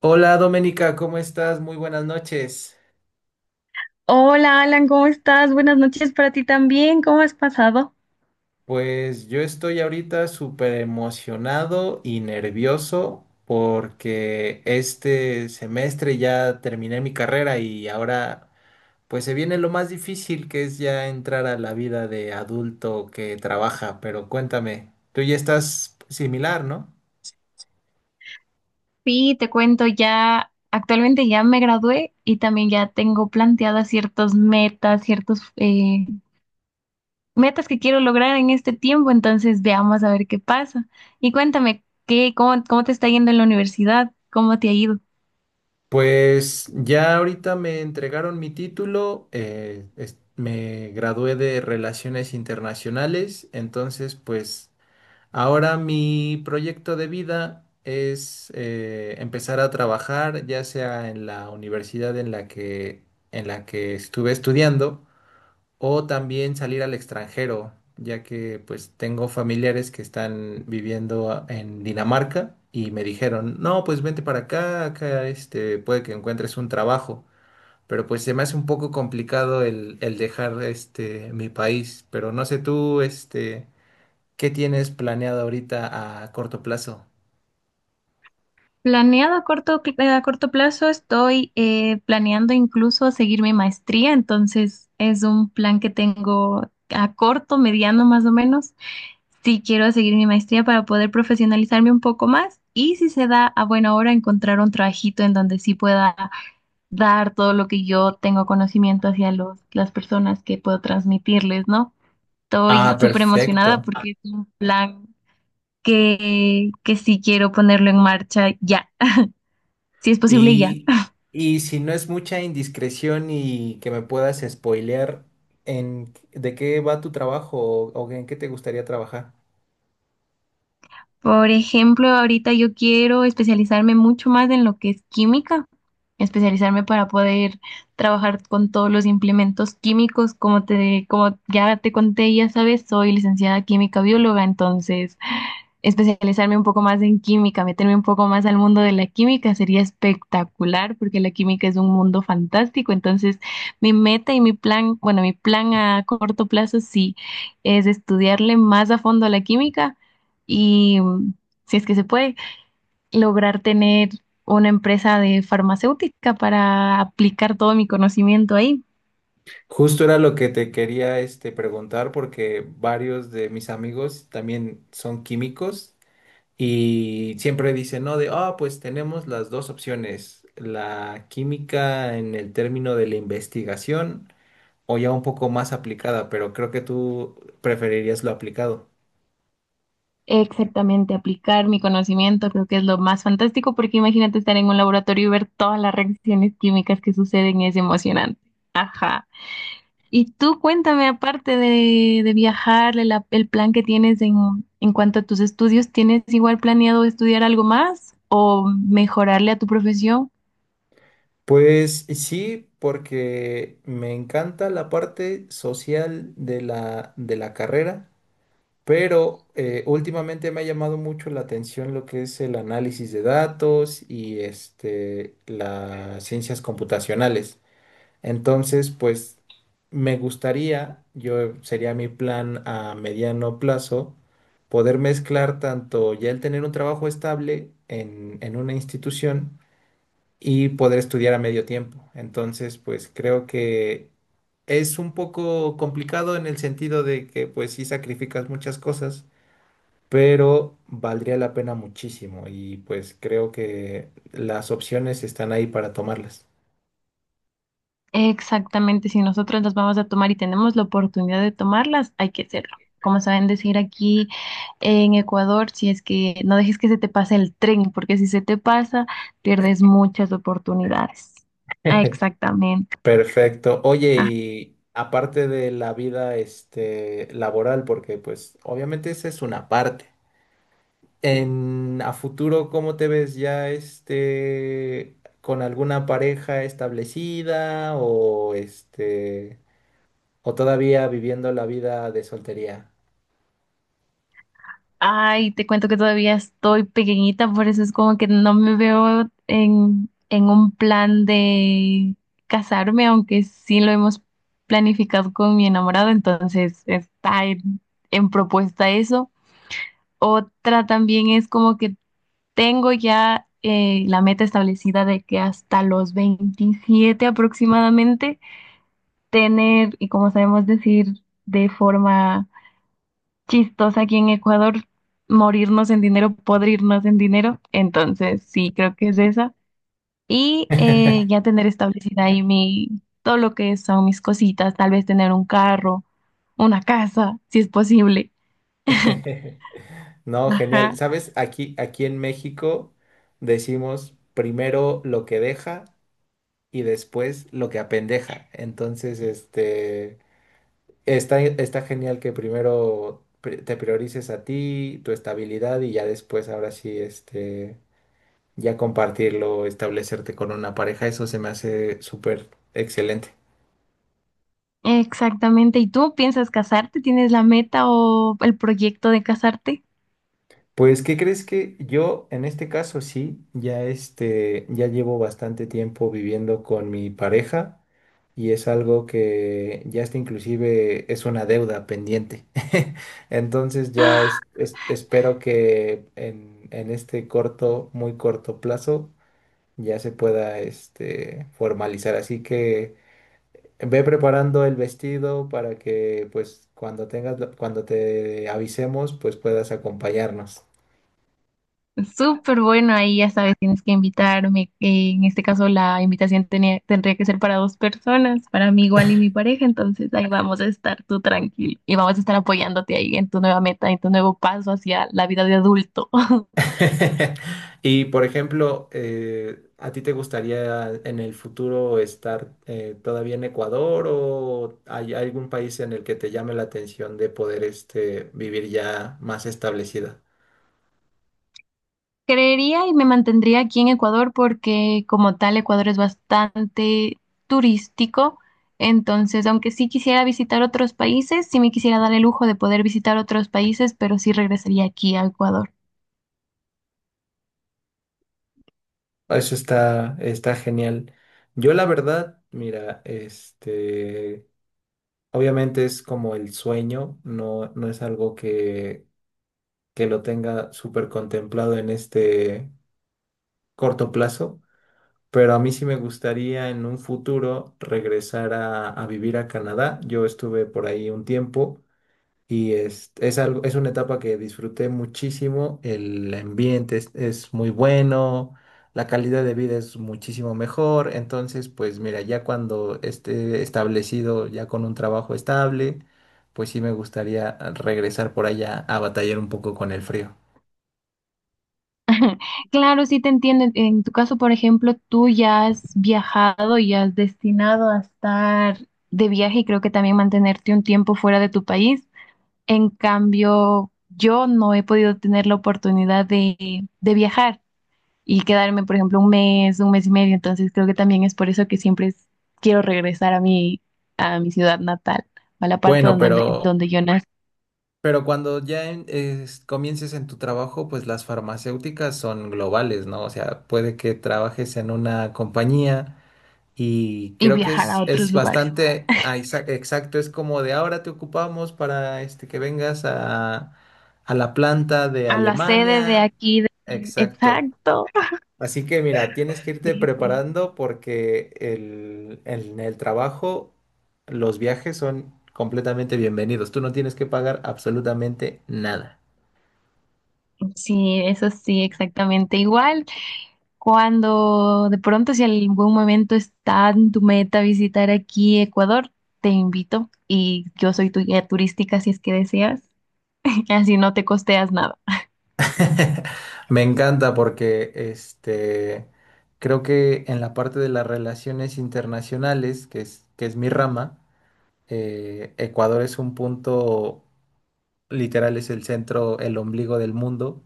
Hola Doménica, ¿cómo estás? Muy buenas noches. Hola Alan, ¿cómo estás? Buenas noches para ti también. ¿Cómo has pasado? Pues yo estoy ahorita súper emocionado y nervioso porque este semestre ya terminé mi carrera y ahora pues se viene lo más difícil, que es ya entrar a la vida de adulto que trabaja. Pero cuéntame, tú ya estás similar, ¿no? Sí, te cuento, ya actualmente ya me gradué y también ya tengo planteadas ciertas metas, ciertos metas que quiero lograr en este tiempo, entonces veamos a ver qué pasa. Y cuéntame, ¿qué, cómo, cómo te está yendo en la universidad? ¿Cómo te ha ido? Pues ya ahorita me entregaron mi título, me gradué de Relaciones Internacionales, entonces pues ahora mi proyecto de vida es empezar a trabajar, ya sea en la universidad en la que estuve estudiando, o también salir al extranjero, ya que pues tengo familiares que están viviendo en Dinamarca y me dijeron, no, pues vente para acá, acá este, puede que encuentres un trabajo, pero pues se me hace un poco complicado el dejar este, mi país, pero no sé tú, este, ¿qué tienes planeado ahorita a corto plazo? Planeado a corto, a corto plazo, estoy planeando incluso seguir mi maestría, entonces es un plan que tengo a corto, mediano más o menos. Sí, quiero seguir mi maestría para poder profesionalizarme un poco más y si se da a buena hora encontrar un trabajito en donde sí pueda dar todo lo que yo tengo conocimiento hacia los, las personas que puedo transmitirles, ¿no? Ah, Estoy súper emocionada perfecto. porque es un plan que sí quiero ponerlo en marcha ya, si es posible ya. Y, y si no es mucha indiscreción y que me puedas spoilear en de qué va tu trabajo o en qué te gustaría trabajar. Por ejemplo, ahorita yo quiero especializarme mucho más en lo que es química, especializarme para poder trabajar con todos los implementos químicos, como te, como ya te conté, ya sabes, soy licenciada química bióloga, entonces especializarme un poco más en química, meterme un poco más al mundo de la química, sería espectacular porque la química es un mundo fantástico. Entonces, mi meta y mi plan, bueno, mi plan a corto plazo sí es estudiarle más a fondo a la química y, si es que se puede, lograr tener una empresa de farmacéutica para aplicar todo mi conocimiento ahí. Justo era lo que te quería este, preguntar, porque varios de mis amigos también son químicos y siempre dicen, no, de, ah, pues tenemos las dos opciones, la química en el término de la investigación o ya un poco más aplicada, pero creo que tú preferirías lo aplicado. Exactamente, aplicar mi conocimiento creo que es lo más fantástico porque imagínate estar en un laboratorio y ver todas las reacciones químicas que suceden, es emocionante. Y tú cuéntame, aparte de viajar, el plan que tienes en cuanto a tus estudios, ¿tienes igual planeado estudiar algo más o mejorarle a tu profesión? Pues sí, porque me encanta la parte social de la carrera, pero últimamente me ha llamado mucho la atención lo que es el análisis de datos y este, las ciencias computacionales. Entonces, pues me gustaría, yo sería mi plan a mediano plazo, poder mezclar tanto ya el tener un trabajo estable en una institución, y poder estudiar a medio tiempo. Entonces, pues creo que es un poco complicado en el sentido de que pues sí sacrificas muchas cosas, pero valdría la pena muchísimo, y pues creo que las opciones están ahí para tomarlas. Exactamente, si nosotros las vamos a tomar y tenemos la oportunidad de tomarlas, hay que hacerlo. Como saben decir aquí en Ecuador, si es que no dejes que se te pase el tren, porque si se te pasa, pierdes muchas oportunidades. Ah, exactamente. Perfecto. Oye, Ah, y aparte de la vida este laboral, porque pues obviamente esa es una parte. En a futuro, ¿cómo te ves ya este con alguna pareja establecida, o este o todavía viviendo la vida de soltería? ay, te cuento que todavía estoy pequeñita, por eso es como que no me veo en un plan de casarme, aunque sí lo hemos planificado con mi enamorado, entonces está en propuesta eso. Otra también es como que tengo ya la meta establecida de que hasta los 27 aproximadamente tener, y como sabemos decir de forma chistosa aquí en Ecuador, morirnos en dinero, podrirnos en dinero. Entonces, sí, creo que es esa. Y ya tener establecida ahí mi, todo lo que son mis cositas, tal vez tener un carro, una casa, si es posible. No, genial. Ajá. ¿Sabes? Aquí en México decimos primero lo que deja y después lo que apendeja. Entonces, este, está genial que primero te priorices a ti, tu estabilidad, y ya después ahora sí este ya compartirlo, establecerte con una pareja, eso se me hace súper excelente. Exactamente. ¿Y tú piensas casarte? ¿Tienes la meta o el proyecto de casarte? Pues, ¿qué crees? Que yo en este caso sí, ya este, ya llevo bastante tiempo viviendo con mi pareja y es algo que ya está, inclusive es una deuda pendiente. Entonces ya espero que en este corto, muy corto plazo ya se pueda este, formalizar. Así que ve preparando el vestido para que, pues, cuando tengas, cuando te avisemos, pues puedas acompañarnos. Súper bueno, ahí ya sabes, tienes que invitarme. En este caso, la invitación tendría que ser para dos personas, para mí igual y mi pareja. Entonces, ahí vamos a estar tú tranquilo y vamos a estar apoyándote ahí en tu nueva meta, en tu nuevo paso hacia la vida de adulto. Y, por ejemplo, ¿a ti te gustaría en el futuro estar todavía en Ecuador, o hay algún país en el que te llame la atención de poder este, vivir ya más establecida? Creería y me mantendría aquí en Ecuador porque como tal Ecuador es bastante turístico, entonces aunque sí quisiera visitar otros países, sí me quisiera dar el lujo de poder visitar otros países, pero sí regresaría aquí a Ecuador. Eso está genial. Yo la verdad, mira, este, obviamente es como el sueño, no, no es algo que lo tenga súper contemplado en este corto plazo, pero a mí sí me gustaría en un futuro regresar a vivir a Canadá. Yo estuve por ahí un tiempo y es algo, es una etapa que disfruté muchísimo. El ambiente es muy bueno, la calidad de vida es muchísimo mejor. Entonces, pues mira, ya cuando esté establecido, ya con un trabajo estable, pues sí me gustaría regresar por allá a batallar un poco con el frío. Claro, sí te entiendo. En tu caso, por ejemplo, tú ya has viajado y has destinado a estar de viaje y creo que también mantenerte un tiempo fuera de tu país. En cambio, yo no he podido tener la oportunidad de viajar. Y quedarme, por ejemplo, un mes y medio. Entonces creo que también es por eso que siempre quiero regresar a mi ciudad natal, a la parte Bueno, donde, donde yo nací pero cuando ya comiences en tu trabajo, pues las farmacéuticas son globales, ¿no? O sea, puede que trabajes en una compañía. Y y creo que viajar a es otros lugares. bastante ah, exacto, es como de ahora te ocupamos para este, que vengas a la planta de ah, sí, A la sede de Alemania. aquí. Exacto. Exacto. Así que mira, tienes que irte Sí, sí. preparando porque el, en el trabajo los viajes son completamente bienvenidos. Tú no tienes que pagar absolutamente nada. Sí, eso sí, exactamente. Igual cuando de pronto, si en algún momento está en tu meta visitar aquí Ecuador, te invito y yo soy tu guía turística si es que deseas. Así no te costeas nada. Me encanta, porque este creo que en la parte de las relaciones internacionales, que es mi rama, Ecuador es un punto, literal, es el centro, el ombligo del mundo.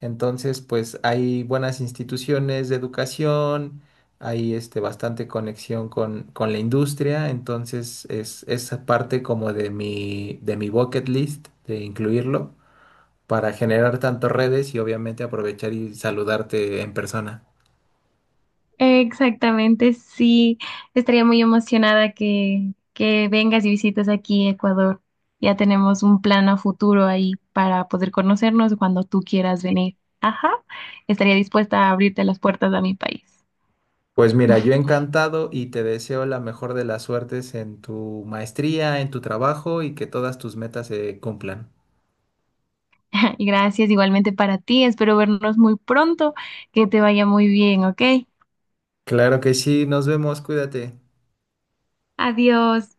Entonces, pues hay buenas instituciones de educación, hay este, bastante conexión con la industria. Entonces, es parte como de mi bucket list de incluirlo para generar tantas redes y obviamente aprovechar y saludarte en persona. Exactamente, sí. Estaría muy emocionada que vengas y visites aquí Ecuador. Ya tenemos un plan a futuro ahí para poder conocernos cuando tú quieras venir. Ajá, estaría dispuesta a abrirte las puertas a mi país. Pues mira, yo encantado, y te deseo la mejor de las suertes en tu maestría, en tu trabajo, y que todas tus metas se cumplan. Y gracias igualmente para ti. Espero vernos muy pronto. Que te vaya muy bien, ¿ok? Claro que sí, nos vemos, cuídate. Adiós.